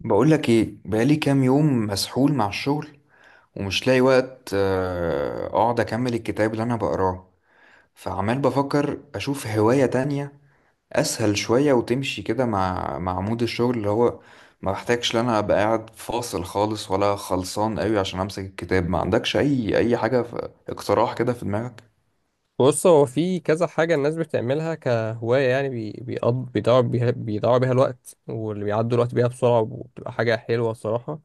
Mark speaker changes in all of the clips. Speaker 1: بقولك ايه؟ بقالي كام يوم مسحول مع الشغل ومش لاقي وقت، اقعد اكمل الكتاب اللي انا بقراه. فعمال بفكر اشوف هواية تانية اسهل شوية، وتمشي كده مع مود الشغل، اللي هو ما بحتاجش ان انا ابقى قاعد فاصل خالص ولا خلصان قوي عشان امسك الكتاب. ما عندكش اي حاجة، في اقتراح كده في دماغك؟
Speaker 2: بص هو في كذا حاجة الناس بتعملها كهواية يعني بيضيعوا بيها الوقت، واللي بيعدوا الوقت بيها بسرعة وبتبقى حاجة حلوة الصراحة.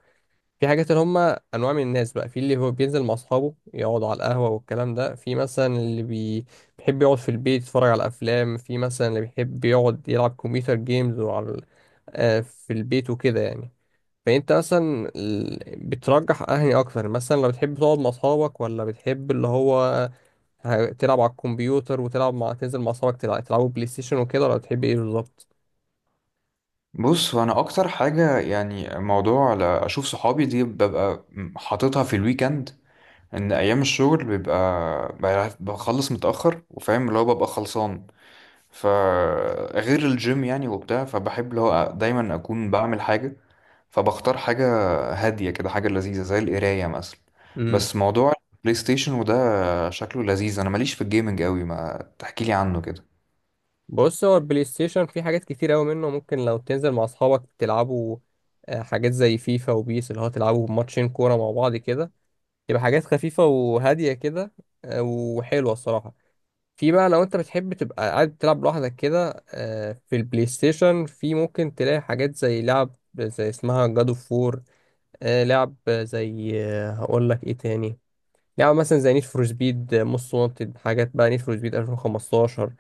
Speaker 2: في حاجات اللي هم أنواع من الناس بقى، في اللي هو بينزل مع أصحابه يقعد على القهوة والكلام ده، في مثلا اللي بيحب يقعد في البيت يتفرج على أفلام، في مثلا اللي بيحب يقعد يلعب كمبيوتر جيمز وعلى ال- آه، في البيت وكده يعني. فأنت مثلا بترجح أنهي أكتر؟ مثلا لو بتحب تقعد مع أصحابك ولا بتحب اللي هو هتلعب على الكمبيوتر وتلعب مع تنزل مع اصحابك تلعبوا بلاي ستيشن وكده، ولا بتحب ايه بالظبط؟
Speaker 1: بص، انا اكتر حاجة يعني موضوع اشوف صحابي، دي ببقى حاططها في الويكند. ان ايام الشغل بيبقى بخلص متاخر، وفاهم اللي هو ببقى خلصان. فغير الجيم يعني وبتاع، فبحب اللي هو دايما اكون بعمل حاجه، فبختار حاجه هاديه كده، حاجه لذيذه زي القرايه مثلا.
Speaker 2: امم.
Speaker 1: بس موضوع البلاي ستيشن وده شكله لذيذ، انا ماليش في الجيمنج قوي. ما تحكي لي عنه كده.
Speaker 2: بص، هو البلاي ستيشن فيه حاجات كتير قوي منه. ممكن لو تنزل مع اصحابك تلعبوا حاجات زي فيفا وبيس، اللي هو تلعبوا ماتشين كوره مع بعض كده، تبقى حاجات خفيفه وهاديه كده، وحلوه الصراحه. في بقى لو انت بتحب تبقى قاعد تلعب لوحدك كده، في البلاي ستيشن في ممكن تلاقي حاجات زي لعب زي اسمها جاد اوف وور، لعب زي هقول لك ايه تاني، لعبة مثلا زي نيد فور سبيد موست وانتد، حاجات بقى نيد فور سبيد 2015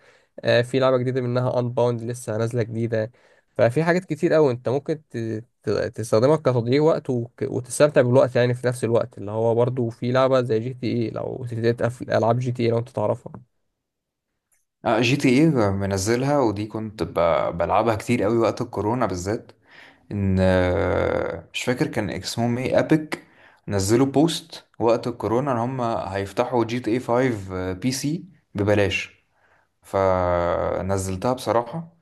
Speaker 2: ، في لعبة جديدة منها انباوند لسه نازلة جديدة. ففي حاجات كتير قوي انت ممكن تستخدمها كتضييع وقت وتستمتع بالوقت يعني في نفس الوقت، اللي هو برضو في لعبة زي جي تي اي، لو تتابع في العاب جي تي اي لو انت تعرفها.
Speaker 1: اه، جي تي ايه منزلها، ودي كنت بلعبها كتير قوي وقت الكورونا بالذات. ان مش فاكر كان اسمهم ايه، ابيك؟ نزلوا بوست وقت الكورونا ان هم هيفتحوا جي تي اي 5 بي سي ببلاش، فنزلتها بصراحة،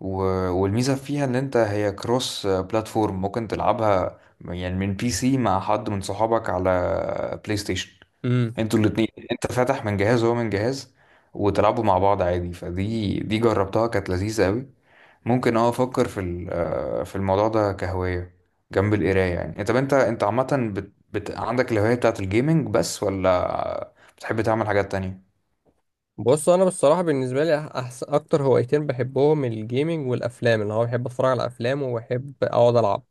Speaker 1: و... والميزة فيها ان انت هي كروس بلاتفورم، ممكن تلعبها يعني من بي سي مع حد من صحابك على بلاي ستيشن.
Speaker 2: امم.
Speaker 1: انتوا الاتنين، انت فاتح من جهاز وهو من جهاز، وتلعبوا مع بعض عادي. فدي جربتها، كانت لذيذة قوي. ممكن افكر في ال- آه، في الموضوع ده كهواية جنب القراية، يعني. إيه، طب انت عامة، عندك الهواية بتاعت الجيمنج بس، ولا بتحب تعمل حاجات تانية؟
Speaker 2: بص، انا بالصراحة بالنسبة لي أحسن اكتر هوايتين بحبهم الجيمنج والافلام، اللي هو بحب اتفرج على افلام وبحب اقعد العب.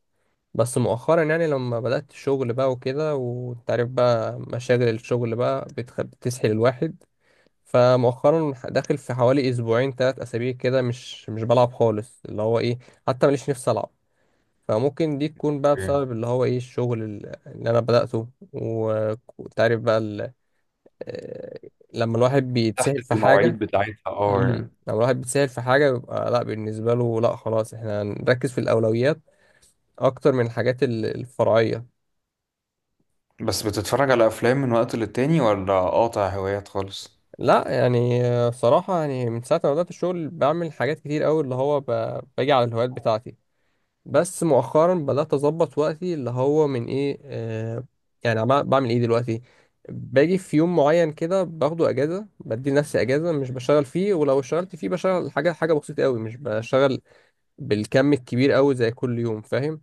Speaker 2: بس مؤخرا يعني لما بدأت الشغل بقى وكده، وانت عارف بقى مشاغل الشغل بقى بتسحل الواحد. فمؤخرا داخل في حوالي اسبوعين ثلاث اسابيع كده مش بلعب خالص، اللي هو ايه، حتى ماليش نفسي العب. فممكن دي تكون بقى
Speaker 1: إيه.
Speaker 2: بسبب اللي هو ايه الشغل اللي انا بدأته وانت عارف بقى آه، لما الواحد
Speaker 1: تحت
Speaker 2: بيتسحل في
Speaker 1: المواعيد
Speaker 2: حاجة.
Speaker 1: بتاعتها اه
Speaker 2: امم.
Speaker 1: يعني.
Speaker 2: لما الواحد بيتسهل في حاجة بيبقى، لا بالنسبة له، لا خلاص احنا هنركز في الأولويات أكتر من الحاجات الفرعية.
Speaker 1: بس بتتفرج على افلام من وقت للتاني، ولا قاطع هوايات خالص؟
Speaker 2: لا يعني، بصراحة يعني من ساعة ما بدأت الشغل بعمل حاجات كتير أوي، اللي هو باجي على الهوايات بتاعتي. بس مؤخرا بدأت أظبط وقتي اللي هو من إيه يعني بعمل إيه دلوقتي؟ باجي في يوم معين كده باخده أجازة، بدي لنفسي أجازة مش بشتغل فيه، ولو اشتغلت فيه بشتغل حاجة بسيطة أوي، مش بشتغل بالكم الكبير أوي زي كل يوم، فاهم؟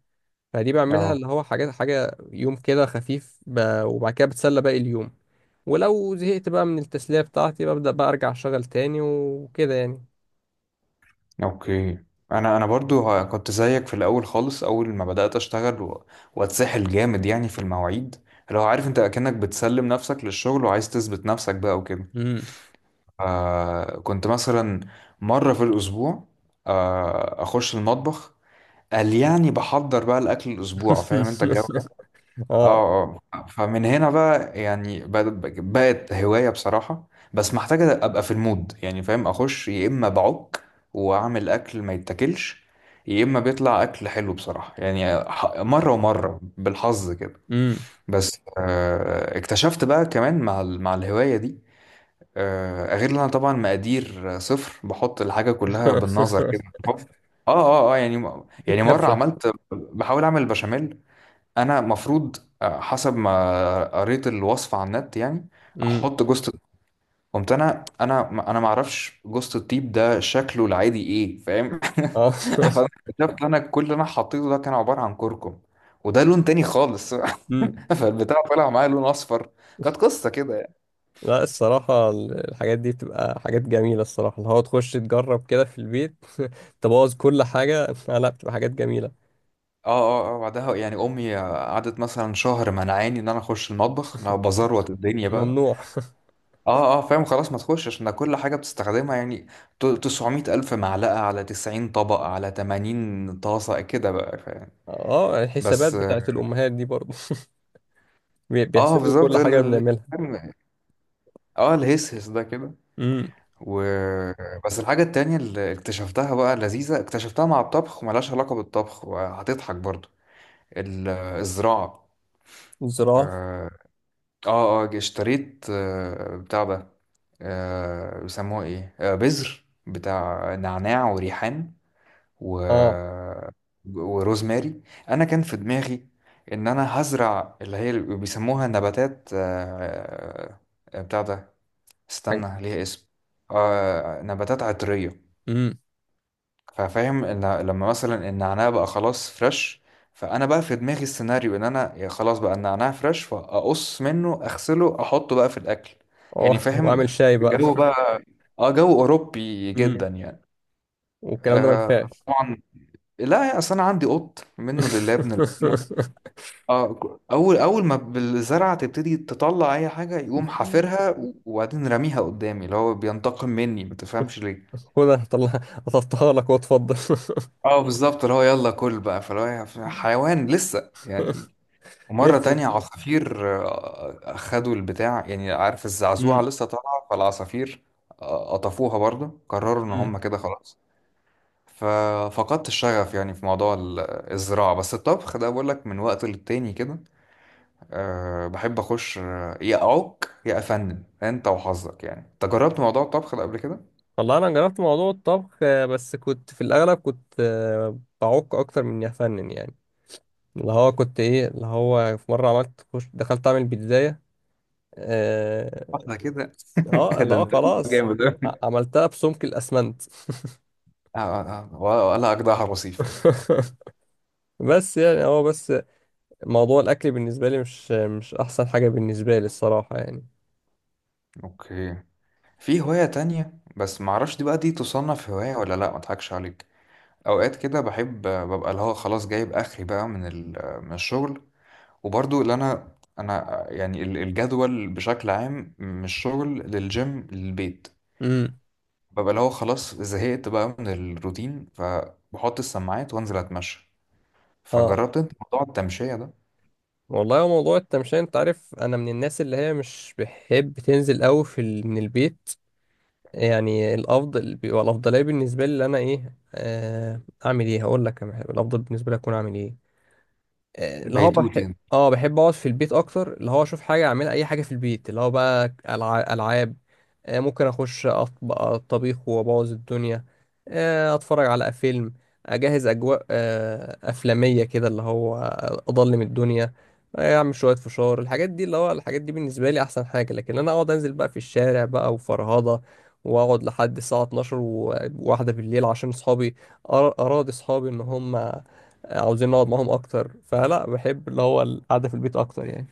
Speaker 2: فدي بعملها
Speaker 1: اه.
Speaker 2: اللي هو حاجات، حاجة يوم كده خفيف وبعد كده بتسلى باقي اليوم. ولو زهقت بقى من التسلية بتاعتي ببدأ بقى أرجع أشتغل تاني وكده يعني.
Speaker 1: اوكي. انا برضو كنت زيك في الاول خالص، اول ما بدات اشتغل واتسحل جامد يعني في المواعيد. لو عارف، انت اكنك بتسلم نفسك للشغل وعايز تثبت نفسك بقى وكده.
Speaker 2: امم.
Speaker 1: كنت مثلا مرة في الأسبوع أخش المطبخ، قال يعني بحضر بقى الأكل الأسبوع. فاهم أنت الجو ده؟
Speaker 2: اه.
Speaker 1: اه اه. فمن هنا بقى يعني بقت هواية بصراحة. بس محتاجة أبقى في المود، يعني فاهم، أخش يا إما بعك وأعمل أكل ما يتاكلش، يا إما بيطلع أكل حلو بصراحة. يعني مرة ومرة بالحظ كده.
Speaker 2: امم.
Speaker 1: بس اكتشفت بقى كمان مع مع الهواية دي، غير ان انا طبعا مقادير صفر، بحط الحاجه كلها بالنظر كده، بالحب. اه اه اه. يعني يعني مره
Speaker 2: بالكبشة.
Speaker 1: عملت، بحاول اعمل بشاميل. انا مفروض حسب ما قريت الوصفه على النت يعني
Speaker 2: امم.
Speaker 1: احط جوزة. قمت انا ما اعرفش جوزة الطيب ده شكله العادي ايه، فاهم.
Speaker 2: اه.
Speaker 1: فأنا اكتشفت إن انا كل اللي انا حطيته ده كان عباره عن كركم، وده لون تاني خالص.
Speaker 2: امم.
Speaker 1: فالبتاع طلع معايا لون اصفر. كانت قصه كده يعني.
Speaker 2: لا، الصراحة الحاجات دي بتبقى حاجات جميلة الصراحة، اللي هو تخش تجرب كده في البيت تبوظ كل حاجة. لا، بتبقى حاجات جميلة.
Speaker 1: اه اه اه. بعدها يعني امي قعدت مثلا شهر منعاني ان انا اخش المطبخ. انا بزروت الدنيا بقى.
Speaker 2: ممنوع.
Speaker 1: اه اه، فاهم؟ خلاص، ما تخش، عشان ده كل حاجه بتستخدمها يعني. 900 الف معلقه على 90 طبق على 80 طاسه كده بقى، فاهم؟
Speaker 2: اه، الحسابات
Speaker 1: بس
Speaker 2: بتاعت الأمهات دي برضه.
Speaker 1: اه
Speaker 2: بيحسبوا
Speaker 1: بالظبط.
Speaker 2: كل حاجة بنعملها.
Speaker 1: فاهم؟ اه، الهسهس ده كده.
Speaker 2: امم.
Speaker 1: و بس الحاجه التانية اللي اكتشفتها بقى لذيذه، اكتشفتها مع الطبخ وملهاش علاقه بالطبخ، وهتضحك برضو. ال- الزراعه.
Speaker 2: الزراعة.
Speaker 1: اه اه. اشتريت، بتاع ده، بيسموها ايه، بذر بتاع نعناع وريحان و...
Speaker 2: اه.
Speaker 1: وروزماري. انا كان في دماغي ان انا هزرع اللي هي اللي بيسموها نباتات، بتاع ده،
Speaker 2: حاجة-
Speaker 1: استنى ليها اسم، نباتات عطرية.
Speaker 2: امم.
Speaker 1: ففاهم، ان لما مثلا النعناع بقى خلاص فريش، فانا بقى في دماغي السيناريو ان انا، يا خلاص بقى النعناع فريش، فاقص منه اغسله احطه بقى في الاكل. يعني
Speaker 2: اه
Speaker 1: فاهم،
Speaker 2: وأعمل شاي.
Speaker 1: جو بقى. اه، جو اوروبي
Speaker 2: بقى
Speaker 1: جدا يعني.
Speaker 2: والكلام ده ما
Speaker 1: آه
Speaker 2: نفعش.
Speaker 1: طبعا. لا، اصل انا عندي قط منه لله ابن الذين. اه، اول اول ما بالزرعه تبتدي تطلع اي حاجه يقوم حافرها، وبعدين راميها قدامي، اللي هو بينتقم مني ما تفهمش.
Speaker 2: خد، انا هطلعها لك واتفضل.
Speaker 1: اه بالظبط، اللي هو يلا كل بقى، فاللي هو يعني حيوان لسه يعني. ومرة
Speaker 2: لسه.
Speaker 1: تانية عصافير، أخدوا البتاع يعني. عارف الزعزوعة
Speaker 2: امم.
Speaker 1: لسه طالعة، فالعصافير قطفوها برضه، قرروا إن هم
Speaker 2: امم.
Speaker 1: كده خلاص. ففقدت الشغف يعني في موضوع الزراعة. بس الطبخ ده بقول لك من وقت للتاني كده، أه بحب أخش، يا أعك يا أفنن، أنت وحظك. يعني أنت جربت موضوع الطبخ ده قبل كده؟
Speaker 2: والله انا جربت موضوع الطبخ، بس كنت في الاغلب كنت، بعك اكتر من افنن يعني. اللي هو كنت ايه، اللي هو في مره عملت خش دخلت اعمل بيتزاية. اه.
Speaker 1: واحدة كده.
Speaker 2: اللي
Speaker 1: ده
Speaker 2: هو
Speaker 1: أنت
Speaker 2: خلاص،
Speaker 1: جامد أوي.
Speaker 2: عملتها بسمك الاسمنت.
Speaker 1: آه، آه، آه، ولا أجدعها وصيف.
Speaker 2: بس يعني هو بس موضوع الاكل بالنسبه لي مش احسن حاجه بالنسبه لي الصراحه يعني.
Speaker 1: اوكي. في هواية تانية، بس معرفش دي بقى دي تصنف هواية ولا لا، ما اضحكش عليك. اوقات كده بحب ببقى اللي هو خلاص جايب اخري بقى من من الشغل. وبرضو اللي انا يعني الجدول بشكل عام من الشغل للجيم للبيت،
Speaker 2: امم.
Speaker 1: ببقى اللي هو خلاص زهقت بقى من الروتين، فبحط السماعات وانزل اتمشى.
Speaker 2: اه،
Speaker 1: فجربت انت موضوع التمشية ده؟
Speaker 2: والله هو موضوع التمشية، انت عارف انا من الناس اللي هي مش بحب تنزل قوي من البيت. يعني الافضل بيبقى، الافضليه بالنسبه لي اللي انا ايه اعمل ايه، هقول لك أنا الافضل بالنسبه لي اكون اعمل ايه، اللي هو طب بحب،
Speaker 1: بيتوتي.
Speaker 2: اه بحب اقعد في البيت اكتر، اللي هو اشوف حاجه اعملها اي حاجه في البيت، اللي هو بقى العاب، ممكن اخش اطبخ الطبيخ وابوظ الدنيا، اتفرج على فيلم، اجهز اجواء، افلاميه كده، اللي هو اضلم الدنيا، اعمل شويه فشار، الحاجات دي، اللي هو الحاجات دي بالنسبه لي احسن حاجه. لكن انا اقعد انزل بقى في الشارع بقى وفرهضه، واقعد لحد الساعه 12 وواحده بالليل عشان اصحابي أرا- اراضي اصحابي ان هم عاوزين نقعد معاهم اكتر، فلا، بحب اللي هو القعده في البيت اكتر يعني.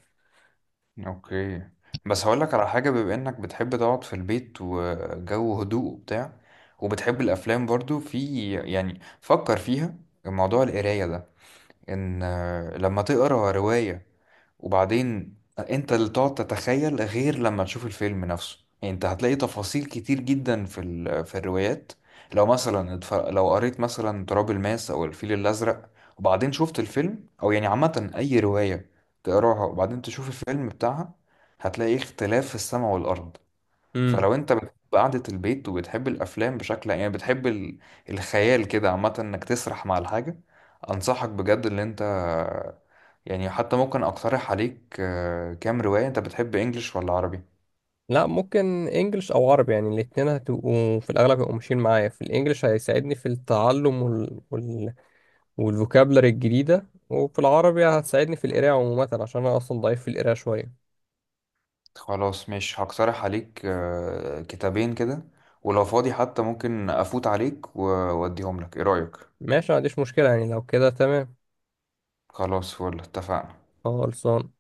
Speaker 1: اوكي. بس هقولك على حاجة، بما انك بتحب تقعد في البيت وجو هدوء وبتاع، وبتحب الافلام برضو، في يعني فكر فيها موضوع القراية ده. ان لما تقرا رواية وبعدين انت اللي تقعد تتخيل، غير لما تشوف الفيلم نفسه يعني. انت هتلاقي تفاصيل كتير جدا في في الروايات. لو مثلا لو قريت مثلا تراب الماس او الفيل الازرق وبعدين شفت الفيلم، او يعني عامة اي رواية تقراها وبعدين تشوف الفيلم بتاعها، هتلاقي اختلاف في السماء والارض.
Speaker 2: امم.
Speaker 1: فلو انت بتحب قعدة البيت وبتحب الافلام، بشكل يعني بتحب الخيال كده عامة، انك تسرح مع الحاجة، انصحك بجد ان انت، يعني حتى ممكن اقترح عليك كام رواية. انت بتحب انجليش ولا عربي؟
Speaker 2: لا، ممكن انجلش او عربي، يعني الاتنين هتبقوا في الاغلب، هيبقوا ماشيين معايا، في الانجليش هيساعدني في التعلم والفوكابلري الجديده، وفي العربي هتساعدني في القراءه عموما، عشان انا اصلا ضعيف في القراءه شويه.
Speaker 1: خلاص، مش هقترح عليك كتابين كده، ولو فاضي حتى ممكن افوت عليك واديهم لك. ايه رأيك؟
Speaker 2: ماشي، ما عنديش مشكله، يعني لو كده تمام.
Speaker 1: خلاص، فل، اتفقنا.
Speaker 2: خلصان.